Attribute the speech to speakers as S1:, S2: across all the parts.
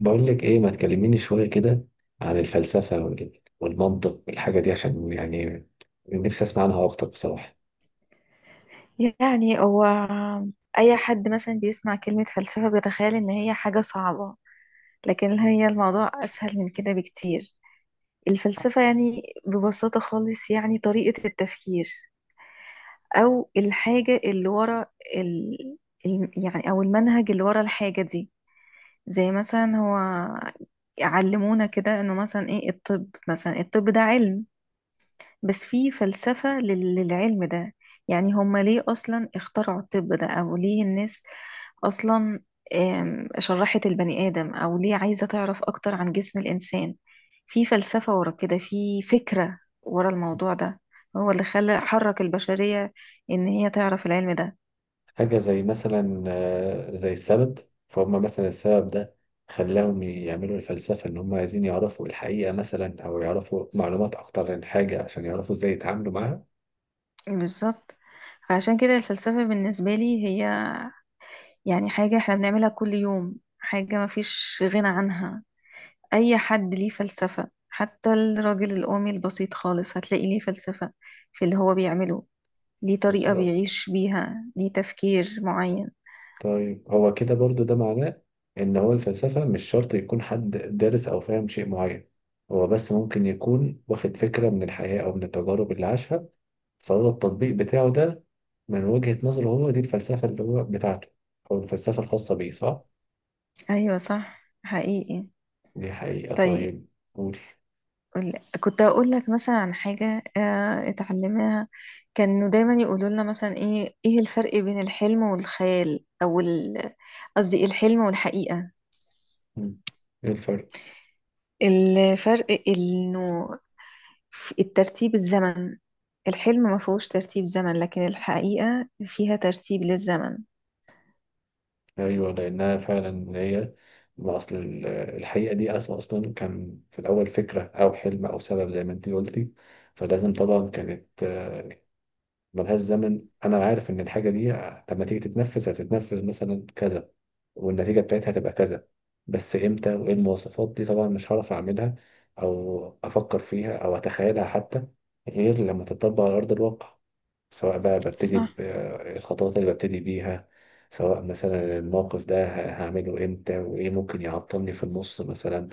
S1: بقول لك ايه، ما تكلميني شويه كده عن الفلسفه والمنطق والحاجه دي عشان يعني نفسي اسمع عنها اكتر بصراحه.
S2: يعني هو، أي حد مثلا بيسمع كلمة فلسفة بيتخيل إن هي حاجة صعبة. لكن هي الموضوع أسهل من كده بكتير. الفلسفة يعني ببساطة خالص، يعني طريقة التفكير أو الحاجة اللي ورا ال... يعني، أو المنهج اللي ورا الحاجة دي. زي مثلا هو علمونا كده إنه مثلا إيه، الطب مثلا، الطب ده علم بس في فلسفة للعلم ده. يعني هم ليه أصلا اخترعوا الطب ده؟ أو ليه الناس أصلا شرحت البني آدم؟ أو ليه عايزة تعرف أكتر عن جسم الإنسان؟ في فلسفة ورا كده، في فكرة ورا الموضوع ده، هو اللي خلى، حرك البشرية إن هي تعرف العلم ده.
S1: حاجه زي مثلا زي السبب. فهم مثلا السبب ده خلاهم يعملوا الفلسفه، ان هم عايزين يعرفوا الحقيقه مثلا او يعرفوا معلومات اكتر عن حاجه عشان يعرفوا ازاي يتعاملوا معاها.
S2: بالظبط. فعشان كده الفلسفة بالنسبة لي هي يعني حاجة احنا بنعملها كل يوم، حاجة مفيش غنى عنها. أي حد ليه فلسفة، حتى الراجل القومي البسيط خالص هتلاقي ليه فلسفة في اللي هو بيعمله. ليه طريقة
S1: بالظبط.
S2: بيعيش بيها، ليه تفكير معين.
S1: طيب، هو كده برضو ده معناه ان هو الفلسفة مش شرط يكون حد دارس او فاهم شيء معين. هو بس ممكن يكون واخد فكرة من الحياة او من التجارب اللي عاشها، فهو التطبيق بتاعه ده من وجهة نظره، هو دي الفلسفة اللي هو بتاعته او الفلسفة الخاصة بيه، صح؟
S2: أيوة صح، حقيقي.
S1: دي حقيقة.
S2: طيب.
S1: طيب، قول.
S2: قول- كنت أقول لك مثلا عن حاجة اتعلمناها. كانوا دايما يقولوا لنا مثلا إيه الفرق بين الحلم والخيال؟ أو قصدي الحلم والحقيقة.
S1: مم. ايه الفرق؟
S2: الفرق إنه في الترتيب، الزمن. الحلم ما فيهوش ترتيب زمن، لكن الحقيقة فيها ترتيب للزمن.
S1: ايوه، لانها فعلا هي ما اصل الحقيقة دي اصلا كان في الاول فكرة او حلم او سبب زي ما انت قلتي. فلازم طبعا كانت ملهاش زمن. انا عارف ان الحاجه دي لما تيجي تتنفذ هتتنفذ مثلا كذا، والنتيجه بتاعتها هتبقى كذا. بس امتى وايه المواصفات دي، طبعا مش هعرف اعملها او افكر فيها او اتخيلها حتى غير لما تتطبق على ارض الواقع. سواء بقى ببتدي
S2: صح.
S1: بالخطوات اللي ببتدي بيها، سواء مثلا الموقف ده هعمله امتى وايه ممكن يعطلني في النص مثلا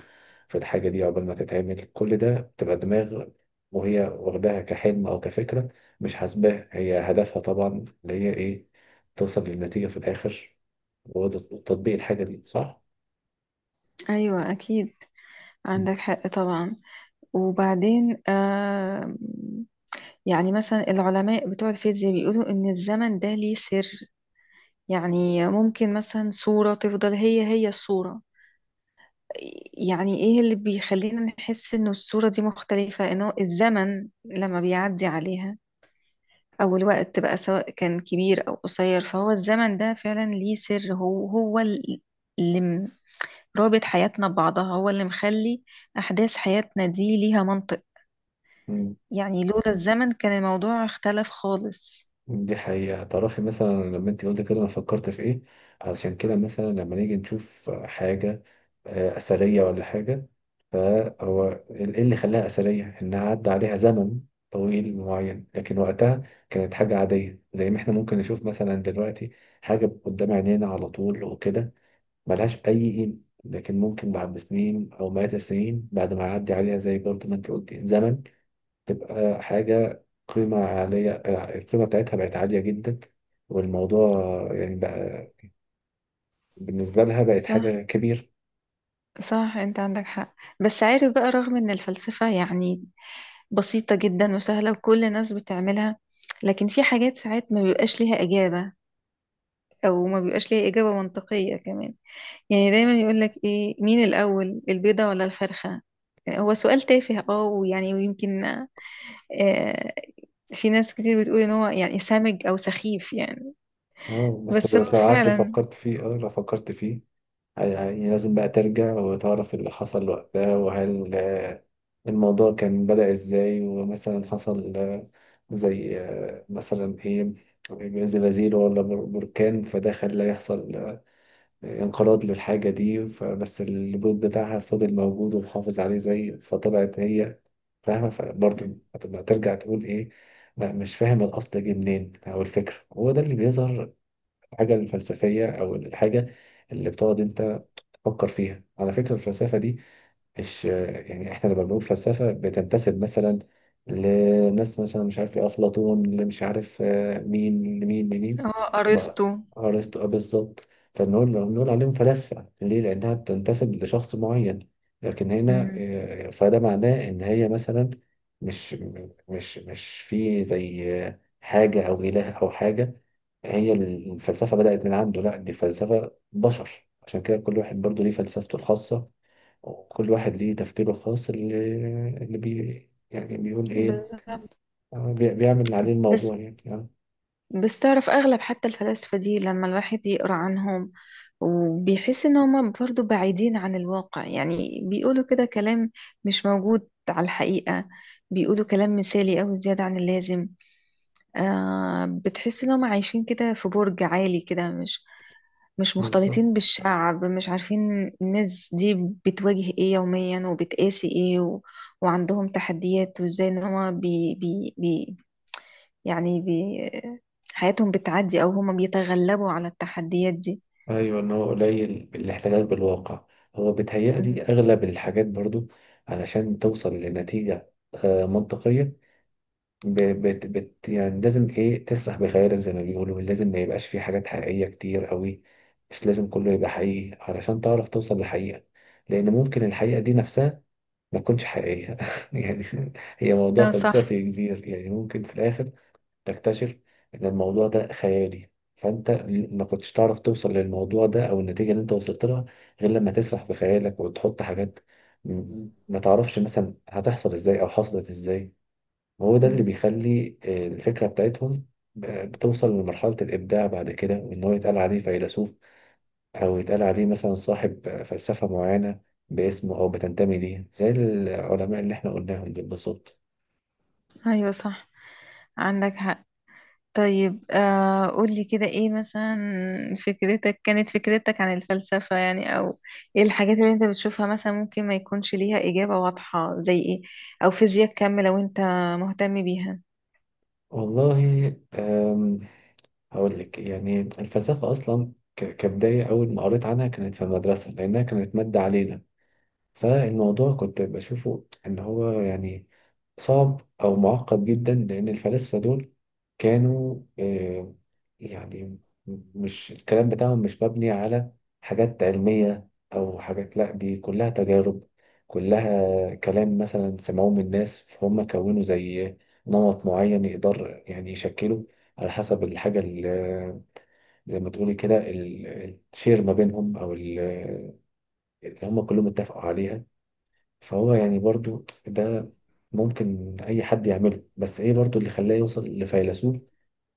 S1: في الحاجة دي، عقبال ما تتعمل كل ده بتبقى دماغ وهي واخداها كحلم او كفكرة، مش حاسباها. هي هدفها طبعا اللي هي ايه؟ توصل للنتيجة في الآخر وتطبيق الحاجة دي، صح؟
S2: أيوة أكيد، عندك حق طبعا. وبعدين يعني، مثلا العلماء بتوع الفيزياء بيقولوا إن الزمن ده ليه سر. يعني ممكن مثلا صورة تفضل هي هي الصورة. يعني إيه اللي بيخلينا نحس إنه الصورة دي مختلفة؟ إنه الزمن لما بيعدي عليها، أو الوقت بقى سواء كان كبير أو قصير. فهو الزمن ده فعلا ليه سر، هو هو اللي رابط حياتنا ببعضها، هو اللي مخلي أحداث حياتنا دي ليها منطق.
S1: مم.
S2: يعني لولا الزمن كان الموضوع اختلف خالص.
S1: دي حقيقة. تعرفي مثلا لما انت قلت كده انا فكرت في ايه؟ علشان كده مثلا لما نيجي نشوف حاجة أثرية ولا حاجة، فهو إيه اللي خلاها أثرية؟ إنها عدى عليها زمن طويل معين، لكن وقتها كانت حاجة عادية. زي ما إحنا ممكن نشوف مثلا دلوقتي حاجة قدام عينينا على طول وكده، ملهاش أي قيمة. لكن ممكن بعد سنين أو مئات السنين، بعد ما يعدي عليها، زي برضه ما أنت قلت، زمن، تبقى حاجة قيمة عالية. القيمة بتاعتها بقت عالية جدا، والموضوع يعني بقى بالنسبة لها بقت
S2: صح،
S1: حاجة كبيرة.
S2: صح، انت عندك حق. بس عارف بقى، رغم ان الفلسفة يعني بسيطة جدا وسهلة وكل الناس بتعملها، لكن في حاجات ساعات ما بيبقاش ليها إجابة، أو ما بيبقاش ليها إجابة منطقية كمان. يعني دايما يقولك ايه، مين الأول، البيضة ولا الفرخة؟ هو سؤال تافه، ويعني ويمكن، في ناس كتير بتقول ان هو يعني سامج او سخيف يعني.
S1: اه، بس
S2: بس هو
S1: بس لو قعدت
S2: فعلا.
S1: فكرت فيه، لو فكرت فيه، يعني لازم بقى ترجع وتعرف اللي حصل وقتها، وهل الموضوع كان بدأ ازاي، ومثلا حصل زي مثلا ايه، زلازل ولا بركان، فده خلى يحصل انقراض للحاجة دي، فبس البيض بتاعها فضل موجود ومحافظ عليه زي، فطلعت هي، فاهمة؟ فبرضه هتبقى ترجع تقول ايه، لا مش فاهم الأصل جه منين أو الفكرة. هو ده اللي بيظهر الحاجة الفلسفية أو الحاجة اللي بتقعد أنت تفكر فيها على فكرة. الفلسفة دي مش يعني احنا لما بنقول فلسفة بتنتسب مثلا لناس، مثلا مش عارف ايه، أفلاطون، اللي مش عارف مين لمين لمين.
S2: هو
S1: ما-
S2: ارسطو.
S1: أرسطو بالظبط. فنقول، نقول عليهم فلاسفة ليه؟ لأنها بتنتسب لشخص معين. لكن هنا،
S2: مم.
S1: فده معناه إن هي مثلا مش مش في، زي حاجة أو إله أو حاجة، هي الفلسفة بدأت من عنده. لا، دي فلسفة بشر، عشان كده كل واحد برضه ليه فلسفته الخاصة، وكل واحد ليه تفكيره الخاص اللي يعني بيقول ايه.
S2: بالظبط.
S1: بيعمل اللي عليه
S2: بس
S1: الموضوع يعني
S2: بس تعرف أغلب حتى الفلاسفة دي لما الواحد يقرأ عنهم، وبيحس إن هما برضو بعيدين عن الواقع، يعني بيقولوا كده كلام مش موجود على الحقيقة. بيقولوا كلام مثالي أو زيادة عن اللازم. بتحس إن هما عايشين كده في برج عالي كده، مش مش مختلطين
S1: بالظبط.
S2: بالشعب، مش عارفين الناس دي بتواجه إيه يوميا وبتقاسي إيه وعندهم تحديات، وإزاي إن هما يعني بي... حياتهم بتعدي، أو هما بيتغلبوا على التحديات دي.
S1: ايوه، ان هو قليل الاحتكاك بالواقع. هو
S2: مم.
S1: بيتهيألي اغلب الحاجات برضو، علشان توصل لنتيجة منطقية، ب- بت بت يعني لازم ايه، تسرح بخيالك زي ما بيقولوا، لازم ما يبقاش فيه حاجات حقيقية كتير قوي. مش لازم كله يبقى حقيقي علشان تعرف توصل لحقيقة، لأن ممكن الحقيقة دي نفسها ما تكونش حقيقية يعني. هي موضوع
S2: اه صح.
S1: فلسفي كبير، يعني ممكن في الآخر تكتشف إن الموضوع ده خيالي. فأنت ما كنتش تعرف توصل للموضوع ده أو النتيجة اللي أنت وصلت لها غير لما تسرح بخيالك وتحط حاجات ما تعرفش مثلا هتحصل إزاي أو حصلت إزاي. وهو ده اللي
S2: مم.
S1: بيخلي الفكرة بتاعتهم ب- بتوصل لمرحلة الإبداع بعد كده، وإن هو يتقال عليه فيلسوف أو يتقال عليه مثلا صاحب فلسفة معينة باسمه، أو بتنتمي ليه، زي العلماء اللي إحنا قلناهم دول بالظبط.
S2: أيوة صح، عندك حق. طيب، قولي كده ايه مثلا. فكرتك عن الفلسفة يعني، أو ايه الحاجات اللي انت بتشوفها مثلا ممكن ما يكونش ليها إجابة واضحة زي ايه؟ أو فيزياء كم لو انت مهتم بيها.
S1: والله، هقول لك يعني الفلسفة أصلا كبداية، أول ما قريت عنها كانت في المدرسة لأنها كانت مادة علينا. فالموضوع كنت بشوفه إن هو يعني صعب أو معقد جدا، لأن الفلاسفة دول كانوا يعني مش الكلام بتاعهم مش مبني على حاجات علمية أو حاجات، لأ دي كلها تجارب. كلها كلام مثلا سمعوه من الناس، فهم كونوا زي نمط معين يقدر يعني يشكله على حسب الحاجة اللي، زي ما تقولي كده، الشير ما بينهم أو اللي هم كلهم اتفقوا عليها. فهو يعني برضو ده ممكن أي حد يعمله، بس إيه برضو اللي خلاه يوصل لفيلسوف؟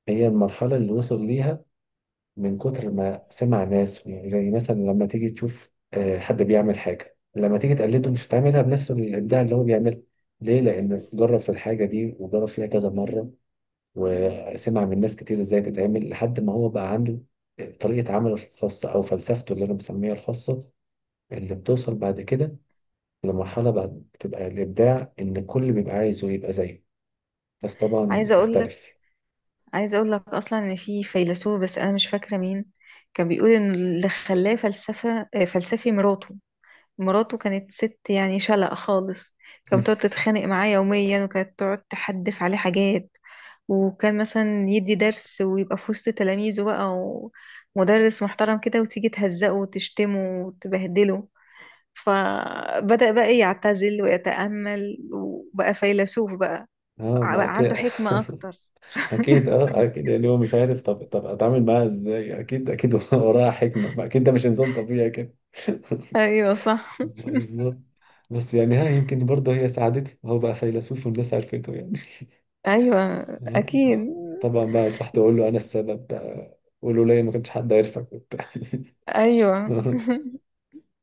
S1: هي المرحلة اللي وصل ليها من كتر ما سمع ناس، يعني زي مثلا لما تيجي تشوف حد بيعمل حاجة، لما تيجي تقلده مش هتعملها بنفس الإبداع اللي هو بيعمله. ليه؟ لأن جرب في الحاجة دي وجرب فيها كذا مرة، وسمع من ناس كتير إزاي تتعمل، لحد ما هو بقى عنده طريقة عمله الخاصة أو فلسفته اللي أنا بسميها الخاصة، اللي بتوصل بعد كده. المرحلة بعد بتبقى الإبداع، إن كل بيبقى عايزه يبقى زيه، بس طبعا
S2: عايزة أقولك
S1: بتختلف.
S2: عايزة أقولك أصلا إن في فيلسوف، بس أنا مش فاكرة مين، كان بيقول إن اللي خلاه فلسفة، فلسفي مراته كانت ست يعني شلق خالص. كانت بتقعد تتخانق معاه يوميا، وكانت تقعد تحدف عليه حاجات. وكان مثلا يدي درس ويبقى في وسط تلاميذه بقى، ومدرس محترم كده، وتيجي تهزقه وتشتمه وتبهدله. فبدأ بقى يعتزل ويتأمل، وبقى فيلسوف بقى.
S1: اه، ما
S2: بقى
S1: اكيد.
S2: عنده حكمة أكتر.
S1: اكيد اه، اكيد يعني هو مش عارف، طب، طب اتعامل معاها ازاي، اكيد اكيد وراها حكمه، ما اكيد ده مش انسان طبيعي كده.
S2: أيوة صح.
S1: بالظبط. بس يعني ها، يمكن برضه هي ساعدته، هو بقى فيلسوف والناس عرفته يعني.
S2: أيوة
S1: آه.
S2: أكيد.
S1: طبعا بقى تروح تقول له انا السبب بقى، قولوا ليا، ما كانش حد عارفك وبتاع.
S2: أيوة.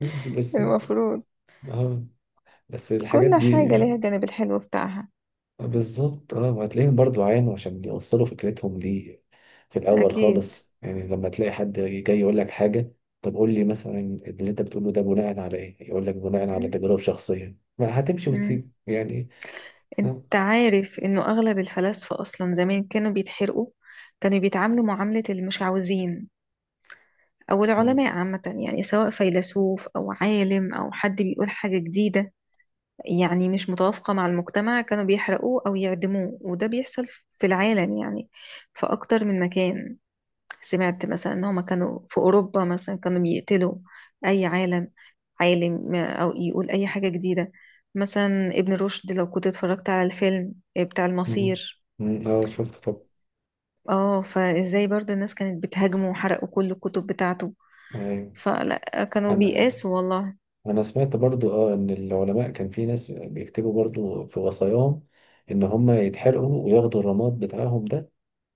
S1: ماشي، بس.
S2: المفروض
S1: اه، بس الحاجات
S2: كل
S1: دي
S2: حاجة ليها الجانب الحلو بتاعها.
S1: بالظبط. اه، وهتلاقيهم برضو عانوا عشان يوصلوا فكرتهم دي في الاول
S2: أكيد.
S1: خالص، يعني لما تلاقي حد جاي يقول لك حاجه، طب قول لي مثلا اللي انت بتقوله ده بناء على ايه، يقول لك بناء على تجارب شخصيه، ما هتمشي
S2: مم.
S1: وتسيب يعني. اه،
S2: انت عارف انه اغلب الفلاسفة اصلا زمان كانوا بيتحرقوا. كانوا بيتعاملوا معاملة المش عاوزين، او
S1: م-
S2: العلماء عامة يعني، سواء فيلسوف او عالم او حد بيقول حاجة جديدة، يعني مش متوافقة مع المجتمع، كانوا بيحرقوه او يعدموه. وده بيحصل في العالم يعني، في اكتر من مكان. سمعت مثلا ان هما كانوا في اوروبا مثلا كانوا يقتلوا اي عالم او يقول اي حاجة جديدة. مثلا ابن رشد، لو كنت اتفرجت على الفيلم بتاع
S1: م-
S2: المصير.
S1: شفت، طب.
S2: اه، فازاي برضو الناس كانت بتهاجمه وحرقوا كل الكتب بتاعته.
S1: ايوه،
S2: فلا، كانوا
S1: انا
S2: بيقاسوا والله.
S1: انا سمعت برضو ان العلماء كان في ناس بيكتبوا برضو في وصاياهم ان هم يتحرقوا وياخدوا الرماد بتاعهم ده،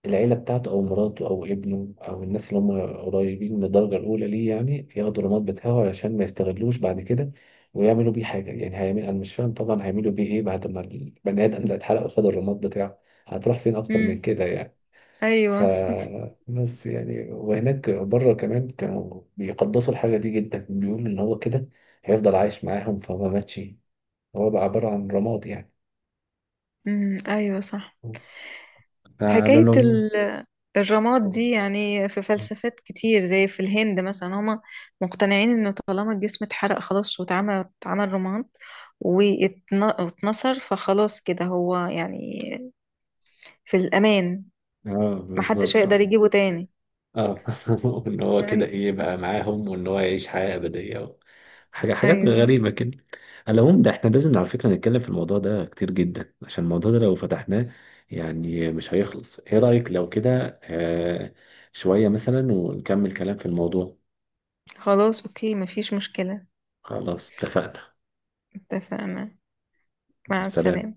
S1: العيلة بتاعته أو مراته أو ابنه أو الناس اللي هم قريبين من الدرجة الأولى ليه، يعني ياخدوا الرماد بتاعه علشان ما يستغلوش بعد كده، ويعملوا بيه حاجة. يعني هيعمل، أنا مش فاهم طبعا هيعملوا بيه إيه بعد ما البني آدم ده اتحرق وخد الرماد بتاعه، هتروح فين أكتر
S2: امم،
S1: من كده يعني؟ ف
S2: ايوه.
S1: بس يعني وهناك بره كمان كانوا بيقدسوا الحاجة دي جدا، بيقولوا إن هو كده هيفضل عايش معاهم، فما ماتش، هو بقى عبارة عن رماد يعني.
S2: امم، ايوه صح.
S1: بس على
S2: حكاية
S1: العموم،
S2: الرماد دي يعني، في فلسفات كتير زي في الهند مثلا، هما مقتنعين انه طالما الجسم اتحرق خلاص، واتعمل، اتعمل رماد، واتنصر، فخلاص كده هو يعني في الأمان.
S1: اه،
S2: محدش
S1: بالظبط،
S2: هيقدر يجيبه تاني.
S1: اه وان هو كده
S2: أي-
S1: ايه؟ يبقى معاهم، وان هو يعيش حياة أبدية، حاجة، حاجات
S2: ايوه.
S1: غريبة كده. على العموم، ده احنا لازم على فكرة نتكلم في الموضوع ده كتير جدا، عشان الموضوع ده لو فتحناه يعني مش هيخلص. ايه رأيك لو كده شوية مثلا ونكمل كلام في الموضوع؟
S2: خلاص اوكي مفيش مشكلة.
S1: خلاص اتفقنا.
S2: اتفقنا. مع
S1: سلام.
S2: السلامة.